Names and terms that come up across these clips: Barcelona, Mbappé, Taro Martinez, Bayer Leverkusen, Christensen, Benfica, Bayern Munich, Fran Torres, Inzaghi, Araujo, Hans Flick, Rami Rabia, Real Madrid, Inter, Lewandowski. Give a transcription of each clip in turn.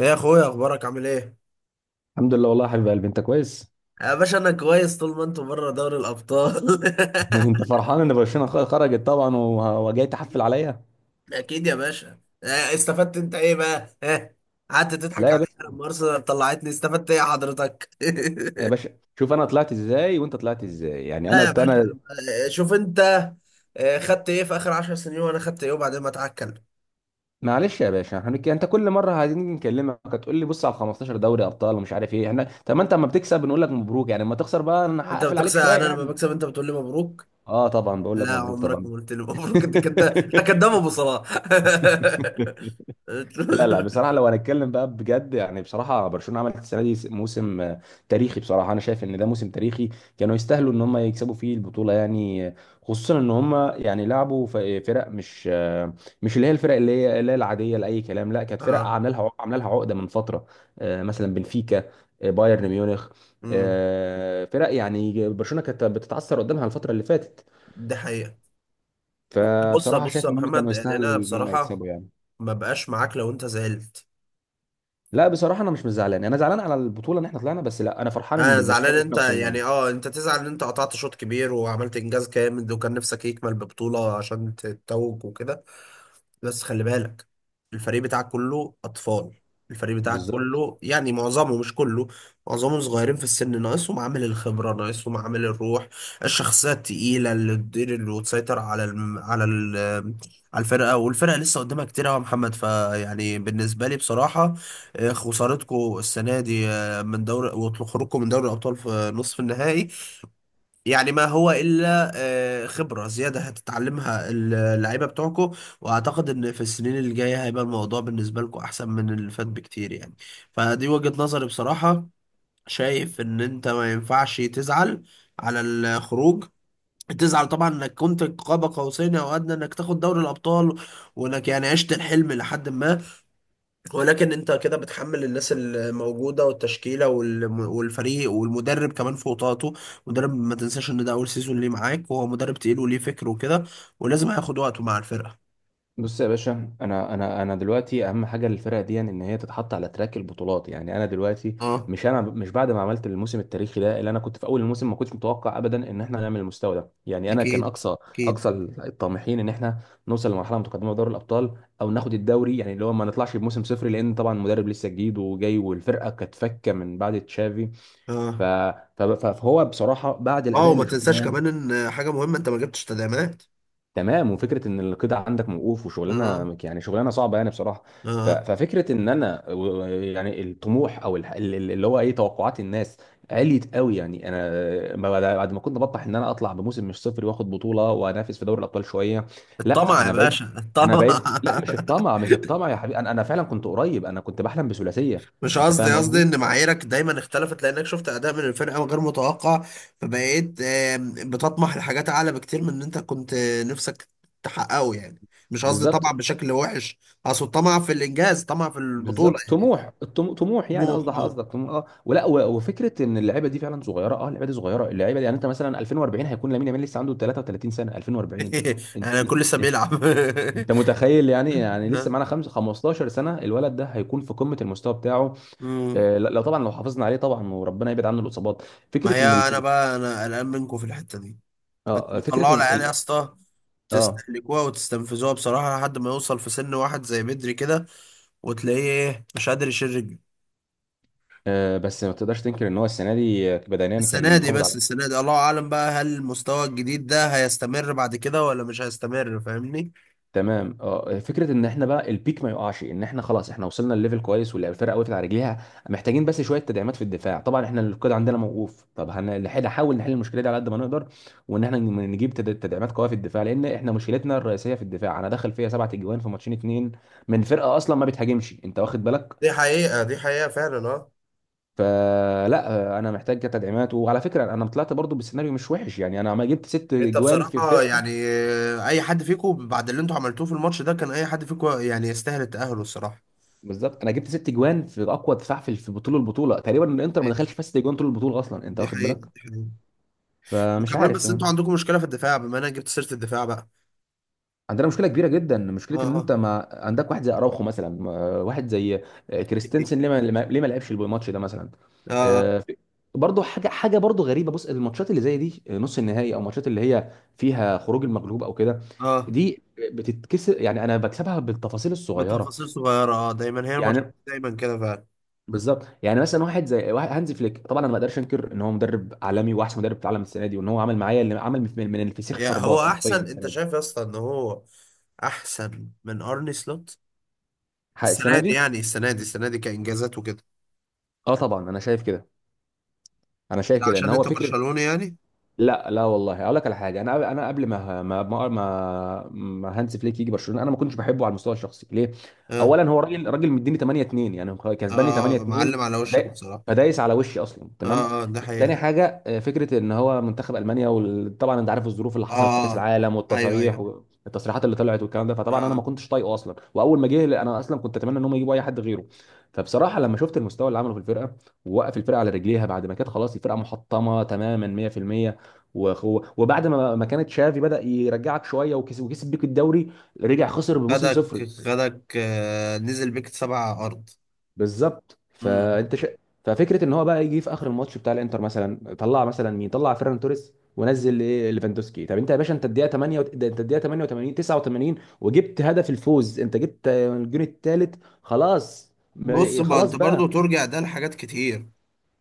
ايه يا اخويا، اخبارك؟ عامل ايه؟ الحمد لله والله يا حبيب قلبي، انت كويس؟ يا باشا، انا كويس طول ما انتوا بره دوري الابطال. انت فرحان ان برشلونه خرجت، طبعا، وجاي تحفل عليا؟ اكيد يا باشا، استفدت انت ايه بقى؟ ها؟ قعدت تضحك لا يا باشا. عليا لما ارسنال طلعتني، استفدت ايه يا حضرتك؟ يا باشا شوف انا طلعت ازاي وانت طلعت ازاي، يعني لا يا انا. باشا. شوف انت. خدت ايه في اخر 10 سنين وانا خدت ايه وبعدين ما اتعكل. معلش يا باشا احنا انت كل مره عايزين نكلمك هتقول لي بص على 15 دوري ابطال ومش عارف ايه، احنا طب ما انت اما بتكسب بنقول لك مبروك، يعني اما تخسر بقى انا انت هقفل عليك بتخسر. شويه انا لما يعني. بكسب انت بتقول لي مبروك. اه طبعا بقول لك لا، مبروك عمرك طبعا. ما قلت لي مبروك. انت كداب، انت كداب ابو صلاح. لا لا، بصراحة لو هنتكلم بقى بجد يعني، بصراحة برشلونة عملت السنة دي موسم تاريخي. بصراحة أنا شايف إن ده موسم تاريخي. كانوا يستاهلوا إن هم يكسبوا فيه البطولة يعني، خصوصا إن هم يعني لعبوا فرق مش اللي هي الفرق اللي هي العادية لأي كلام، لا كانت فرق اه. عاملة لها عقدة من فترة، مثلا بنفيكا، بايرن ميونخ، امم فرق يعني برشلونة كانت بتتعثر قدامها الفترة اللي فاتت. ده حقيقة. بص فبصراحة بص شايف يا إن هم كانوا محمد، يعني يستاهلوا انا إن هم بصراحه يكسبوا يعني. ما بقاش معاك لو انت زعلت. لا بصراحه انا مش زعلان، انا زعلان على البطوله ان احنا طلعنا بس، لا انا فرحان انا زعلان بالمستوى اللي انت، احنا وصلنا له. يعني اه، انت تزعل ان انت قطعت شوط كبير وعملت انجاز جامد وكان نفسك يكمل ببطوله عشان تتوج وكده. بس خلي بالك، الفريق بتاعك كله أطفال. الفريق بتاعك، بالظبط. كله، يعني معظمه مش كله. معظمه صغيرين في السن، ناقصهم عامل الخبرة، ناقصهم عامل الروح. الشخصية التقيلة اللي تدير اللي وتسيطر على الم... على ال... على الفرقة، والفرقة لسه قدامها كتير أوي يا محمد، فيعني بالنسبة لي بصراحة، خسارتكم السنة دي، من دوري، وخروجكم من دوري الأبطال في نصف النهائي، يعني ما هو إلا خبرة زيادة هتتعلمها اللعيبة بتوعكم. وأعتقد إن في السنين اللي جاية هيبقى الموضوع بالنسبة لكم أحسن من اللي فات بكتير يعني. فدي وجهة نظري بصراحة. شايف إن أنت ما ينفعش تزعل على الخروج. تزعل طبعا انك كنت قاب قوسين او ادنى انك تاخد دوري الابطال، وانك يعني عشت الحلم لحد ما، ولكن انت كده بتحمل الناس الموجوده والتشكيله والفريق والمدرب كمان فوق طاقته. مدرب، ما تنساش ان ده اول سيزون ليه معاك، وهو مدرب تقيل وليه فكر وكده. ولازم هياخد وقته مع الفرقه. بص يا باشا انا دلوقتي اهم حاجه للفرقه دي ان هي تتحط على تراك البطولات، يعني انا دلوقتي اه، مش انا مش بعد ما عملت الموسم التاريخي ده، اللي انا كنت في اول الموسم ما كنتش متوقع ابدا ان احنا نعمل المستوى ده. يعني انا كان اكيد، اقصى اكيد. اقصى الطامحين ان احنا نوصل لمرحله متقدمه في دوري الابطال او ناخد الدوري، يعني اللي هو ما نطلعش بموسم صفر، لان طبعا المدرب لسه جديد وجاي والفرقه كانت فكه من بعد تشافي. ف... اه، فهو بصراحه بعد اه، الاداء وما اللي تنساش شفناه. كمان ان حاجه مهمه، انت ما جبتش تدعيمات. تمام، وفكره ان القيد عندك موقوف اه. وشغلانه، يعني شغلانه صعبه يعني بصراحه. اه. ففكره ان انا يعني الطموح او اللي هو ايه، توقعات الناس عليت قوي يعني. انا بعد ما كنت بطمح ان انا اطلع بموسم مش صفر واخد بطوله وانافس في دوري الابطال شويه. لا الطمع يا انا بقيت، باشا، الطمع. لا مش الطمع، مش الطمع يا حبيبي، انا فعلا كنت قريب، انا كنت بحلم بثلاثيه. مش انت قصدي، فاهم قصدي قصدي؟ ان معاييرك دايما اختلفت لانك شفت اداء من الفرقه غير متوقع. فبقيت بتطمح لحاجات اعلى بكتير من ان انت كنت نفسك تحققه يعني. مش قصدي طمع بالظبط. بشكل وحش، اقصد طمع في الانجاز، طمع في البطوله بالظبط يعني، ده طموح طموح، يعني طموح، قصدك اه. قصدك طموح، اه، ولا وفكره ان اللعيبه دي فعلا صغيره، اه اللعيبه دي صغيره، اللعيبه دي يعني انت مثلا 2040 هيكون لامين يامال لسه عنده 33 سنه 2040. انت انا كل لسه بيلعب. انت متخيل؟ يعني لسه معانا خمس 15 سنه الولد ده هيكون في قمه المستوى بتاعه. مم. آه لا لا طبعا، لو حافظنا عليه طبعا وربنا يبعد عنه الاصابات. ما فكره هي ان الف. انا بقى، انا قلقان منكم في الحته دي. انتوا اه فكره بتطلعوا ان العيال يا ال. اسطى، آه. تستهلكوها وتستنفذوها بصراحه لحد ما يوصل في سن، واحد زي بدري كده، وتلاقيه، ايه، مش قادر يشيل رجله. اه بس ما تقدرش تنكر ان هو السنه دي بدنيا كان السنة دي، محافظ على. بس السنة دي الله أعلم بقى، هل المستوى الجديد ده هيستمر بعد كده ولا مش هيستمر، فاهمني؟ تمام. اه فكره ان احنا بقى البيك ما يقعش، ان احنا خلاص احنا وصلنا لليفل كويس والفرقه وقفت على رجليها. محتاجين بس شويه تدعيمات في الدفاع، طبعا احنا القيد عندنا موقوف، طب هنحاول، نحل المشكله دي على قد ما نقدر، وان احنا نجيب تدعيمات قويه في الدفاع، لان احنا مشكلتنا الرئيسيه في الدفاع. انا داخل فيها سبعة اجوان في ماتشين اتنين من فرقه اصلا ما بتهاجمش، انت واخد بالك؟ دي حقيقة، دي حقيقة فعلا. اه. فلا، انا محتاج تدعيمات، وعلى فكره انا طلعت برضو بالسيناريو مش وحش، يعني انا ما جبت ست انت اجوان في بصراحة فرقه. يعني، أي حد فيكم بعد اللي انتوا عملتوه في الماتش ده، كان أي حد فيكم يعني يستاهل التأهل الصراحة. بالظبط. انا جبت ست جوان في اقوى دفاع في البطوله تقريبا، الانتر ما طيب، دخلش فيها ست جوان طول البطوله اصلا، انت دي واخد حقيقة، بالك؟ دي حقيقة. فمش وكمان عارف. بس انتوا عندكم مشكلة في الدفاع، بما انا جبت سيرة الدفاع بقى. عندنا مشكله كبيره جدا، اه، مشكله ان انت اه. ما عندك واحد زي اراوخو مثلا، واحد زي كريستنسن، ليه ما لعبش الماتش ده مثلا؟ اه، آه، في- برضه حاجه برضه غريبه. بص الماتشات اللي زي دي، نص النهائي او الماتشات اللي هي فيها خروج المغلوب او كده، اه، دي بتتكسر، يعني انا بكسبها بالتفاصيل الصغيره بتفاصيل صغيرة، اه، دايما هي الماتشات يعني. دايما كده فعلا. بالظبط، يعني مثلا واحد زي هانز فليك، طبعا انا ما اقدرش انكر ان هو مدرب عالمي واحسن مدرب في العالم السنه دي، وان هو عمل معايا اللي عمل، من الفسيخ يا هو شربات حرفيا احسن، انت السنه دي، شايف يا اسطى ان هو احسن من ارني سلوت السنه السنه دي، دي. يعني السنه دي، السنه دي كانجازات وكده. اه طبعا انا شايف كده، انا شايف لا، كده ان عشان هو انت فكره. برشلوني يعني. لا لا والله، اقول لك على حاجه، انا قبل ما هانز فليك يجي برشلونه انا ما كنتش بحبه على المستوى الشخصي، ليه؟ اه، اولا هو راجل، راجل مديني 8-2، يعني هو كسباني اه، 8-2، معلم على وشك فدا- بصراحه. فدايس على وشي اصلا، تمام. اه، اه، ده تاني حقيقه. حاجه، فكره ان هو منتخب المانيا، وطبعا انت عارف الظروف اللي حصلت في كاس اه، العالم ايوه، والتصاريح ايوه. والتصريحات اللي طلعت والكلام ده، فطبعا انا ما اه، كنتش طايقه اصلا، واول ما جه انا اصلا كنت اتمنى ان هم يجيبوا اي حد غيره. فبصراحه لما شفت المستوى اللي عمله في الفرقه ووقف الفرقه على رجليها، بعد ما كانت خلاص الفرقه محطمه تماما 100%، وبعد ما كانت شافي بدأ يرجعك شويه، وكسب بيك الدوري، رجع خسر بموسم خدك، صفري. خدك نزل بيك سبع ارض. بالظبط، مم. فانت ففكره ان هو بقى يجي في اخر الماتش بتاع الانتر مثلا، طلع مثلا مين؟ طلع فيران توريس ونزل ايه، ليفاندوسكي. طب انت يا باشا، انت الدقيقه 8 ده انت الدقيقه 88 89 وجبت هدف الفوز، انت جبت الجون الثالث، خلاص بص، ما خلاص انت برضو بقى ترجع ده لحاجات كتير.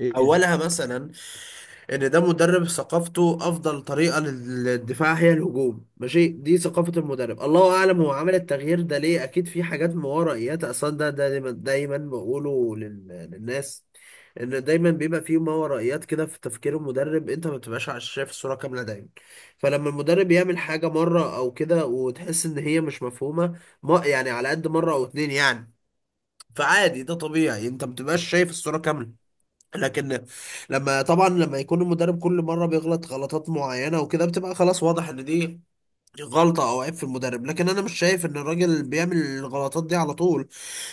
ايه. اولها مثلا، ان ده مدرب ثقافته افضل طريقه للدفاع هي الهجوم، ماشي، دي ثقافه المدرب. الله اعلم هو عمل التغيير ده ليه. اكيد في حاجات مورائيات اصلا، ده دايما دايما بقوله للناس، ان دايما بيبقى في مورائيات كده في تفكير المدرب، انت ما بتبقاش شايف الصوره كامله دايما. فلما المدرب يعمل حاجه مره او كده وتحس ان هي مش مفهومه، ما يعني على قد مره او اتنين يعني. فعادي، ده طبيعي، انت ما بتبقاش شايف الصوره كامله. لكن، لما طبعا لما يكون المدرب كل مره بيغلط غلطات معينه وكده، بتبقى خلاص واضح ان دي غلطة أو عيب في المدرب. لكن أنا مش شايف إن الراجل بيعمل الغلطات دي على طول.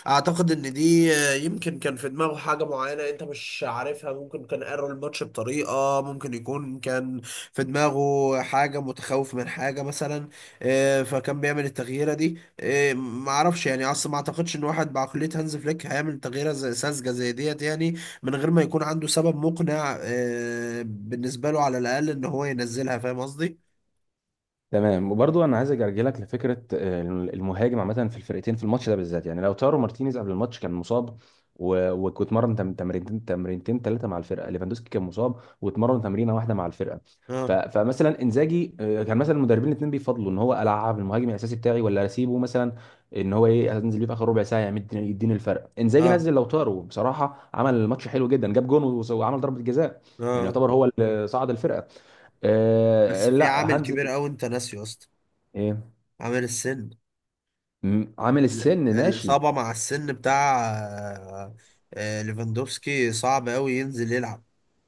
أعتقد إن دي، يمكن كان في دماغه حاجة معينة أنت مش عارفها. ممكن كان قرر الماتش بطريقة، ممكن يكون كان في دماغه حاجة متخوف من حاجة مثلا. فكان بيعمل التغييرة دي. معرفش يعني. أصلا ما أعتقدش إن واحد بعقلية هانز فليك هيعمل تغييرة زي ساذجة زي ديت يعني، من غير ما يكون عنده سبب مقنع، بالنسبة له على الأقل، إن هو ينزلها. فاهم قصدي؟ تمام، وبرضو انا عايز ارجع لك لفكره المهاجم عامه في الفرقتين في الماتش ده بالذات، يعني لو تارو مارتينيز قبل الماتش كان مصاب، واتمرن تمرينتين ثلاثه مع الفرقه، ليفاندوسكي كان مصاب واتمرن تمرينه واحده مع الفرقه. اه، فمثلا انزاجي كان مثلا المدربين الاثنين بيفضلوا ان هو العب المهاجم الاساسي بتاعي ولا اسيبه مثلا، ان هو ايه انزل ليه في اخر ربع ساعه يديني، الفرق. انزاجي اه، نزل لو تارو، بصراحه عمل الماتش حلو جدا، جاب جون وعمل ضربه جزاء، يعني اه. يعتبر هو اللي صعد الفرقه. بس آه في لا، عامل هانز. كبير قوي انت ناسيه يا اسطى. إيه؟ عامل السن. عامل السن ماشي. الإصابة مع السن بتاع، ليفاندوفسكي صعب قوي ينزل يلعب.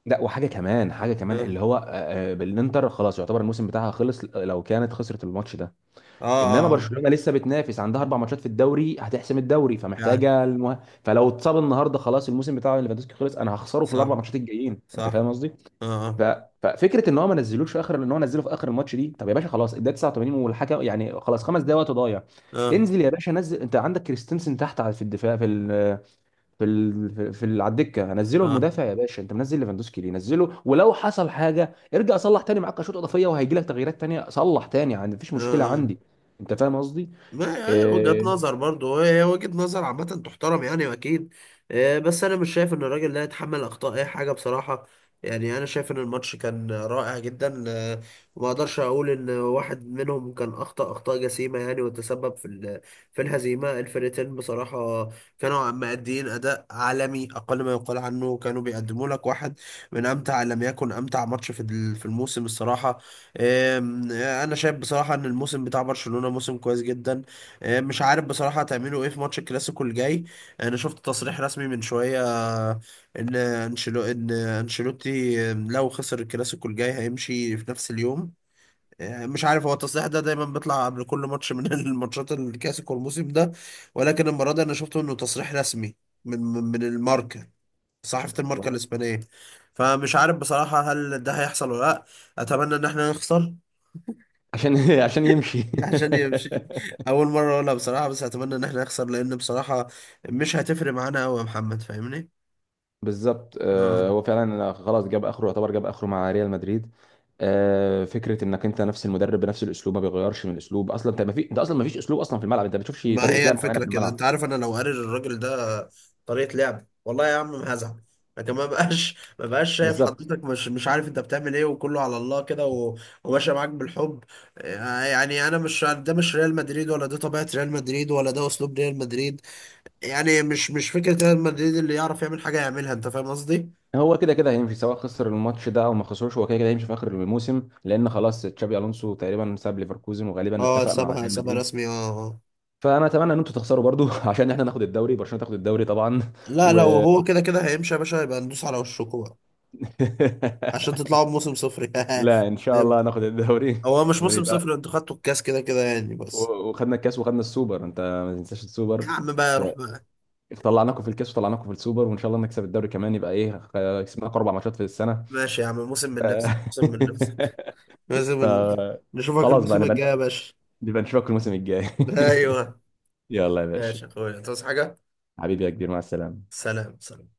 لا وحاجه كمان، حاجه كمان اه، اللي هو بالانتر خلاص يعتبر الموسم بتاعها خلص لو كانت خسرت الماتش ده، اه، انما اه. آه. برشلونه لسه بتنافس عندها اربع ماتشات في الدوري هتحسم الدوري، فعلا. فمحتاجه المه. فلو اتصاب النهارده خلاص الموسم بتاع ليفاندوسكي خلص، انا هخسره في الاربع صح، ماتشات الجايين، انت صح. فاهم قصدي؟ اه، ف... اه، ففكره ان هو ما نزلوش في اخر، ان هو نزله في اخر الماتش دي. طب يا باشا خلاص الدقيقه 89، والحكم يعني خلاص خمس دقايق وقت ضايع. اه، انزل يا باشا، نزل، انت عندك كريستنسن تحت في الدفاع، في ال- في ال... في في ال... على الدكه هنزله اه. المدافع يا باشا، انت منزل ليفاندوسكي ليه؟ نزله ولو حصل حاجه ارجع صلح تاني. معاك شوط اضافيه وهيجي لك تغييرات تانيه، صلح تاني عندي مفيش آه. مشكله اه. عندي. انت فاهم قصدي؟ ما هي وجهة إيه. نظر برضه، هي وجهة نظر عامة تحترم يعني، أكيد. بس أنا مش شايف إن الراجل ده يتحمل أخطاء أي حاجة بصراحة. يعني أنا شايف إن الماتش كان رائع جدا، وما أقدرش أقول إن واحد منهم كان أخطأ أخطاء جسيمة، يعني، وتسبب في الهزيمة. الفرقتين بصراحة كانوا مأدين أداء عالمي أقل ما يقال عنه، كانوا بيقدموا لك واحد من أمتع، إن لم يكن أمتع، ماتش في الموسم الصراحة. آم، آه، أنا شايف بصراحة إن الموسم بتاع برشلونة موسم كويس جدا. مش عارف بصراحة هتعملوا ايه في ماتش الكلاسيكو الجاي. انا شفت تصريح رسمي من شوية، ان انشيلوتي لو خسر الكلاسيكو الجاي هيمشي في نفس اليوم. مش عارف هو التصريح ده دايما بيطلع قبل كل ماتش من الماتشات الكلاسيكو الموسم ده. ولكن المرة دي انا شفته انه تصريح رسمي من الماركة، صحيفة الماركة الإسبانية. فمش عارف بصراحة هل ده هيحصل ولا لأ. أتمنى إن احنا نخسر عشان عشان يمشي عشان يمشي. اول مره اقولها بصراحه، بس اتمنى ان احنا نخسر لان بصراحه مش هتفرق معانا قوي يا محمد، فاهمني. بالظبط، اه، هو فعلا خلاص جاب اخره، يعتبر جاب اخره مع ريال مدريد. فكره انك انت نفس المدرب بنفس الاسلوب، ما بيغيرش من الاسلوب اصلا، انت اصلا ما فيش اسلوب اصلا في الملعب، انت ما بتشوفش ما طريقه هي لعب معينه الفكره في كده، انت الملعب. عارف، انا لو قاري الراجل ده طريقه لعب والله يا عم ما هزعل، لكن ما بقاش شايف بالظبط. حضرتك، مش عارف انت بتعمل ايه، وكله على الله كده، وماشي معاك بالحب. يعني انا مش، ده مش ريال مدريد ولا ده طبيعه ريال مدريد ولا ده اسلوب ريال مدريد. يعني مش فكره ريال مدريد، اللي يعرف يعمل حاجه يعملها، انت فاهم قصدي. هو كده كده هيمشي، سواء خسر الماتش ده او ما خسروش هو كده كده هيمشي في اخر الموسم، لان خلاص تشابي الونسو تقريبا ساب ليفركوزن وغالبا اه، اتفق مع سابها، ريال سابها مدريد. رسمي. اه. آه. فانا اتمنى ان انتوا تخسروا برضو عشان احنا ناخد الدوري، برشلونه تاخد الدوري طبعا. لا، لو و هو كده كده هيمشي يا باشا، هيبقى ندوس على وشكوا بقى عشان تطلعوا بموسم صفر لا ان شاء الله جامد. ناخد الدوري هو مش موسم ونبقى، صفر، انتوا خدتوا الكاس كده كده يعني بس. وخدنا الكاس وخدنا السوبر، انت ما تنساش يا السوبر. عم بقى، ف- روح بقى. فطلعناكم في الكاس وطلعناكم في السوبر، وان شاء الله نكسب الدوري كمان، يبقى ايه، كسبناكم اربع ماتشات في السنه. ماشي يا عم، موسم من نفسك، موسم من نفسك، موسم ف... من... نشوفك خلاص بقى الموسم الجاي نبقى، يا باشا. بيبقى نشوفك الموسم الجاي ايوه. يلا يا باشا. ماشي يا اخويا، تصحى حاجة؟ حبيبي يا كبير، مع السلامة. سلام، سلام.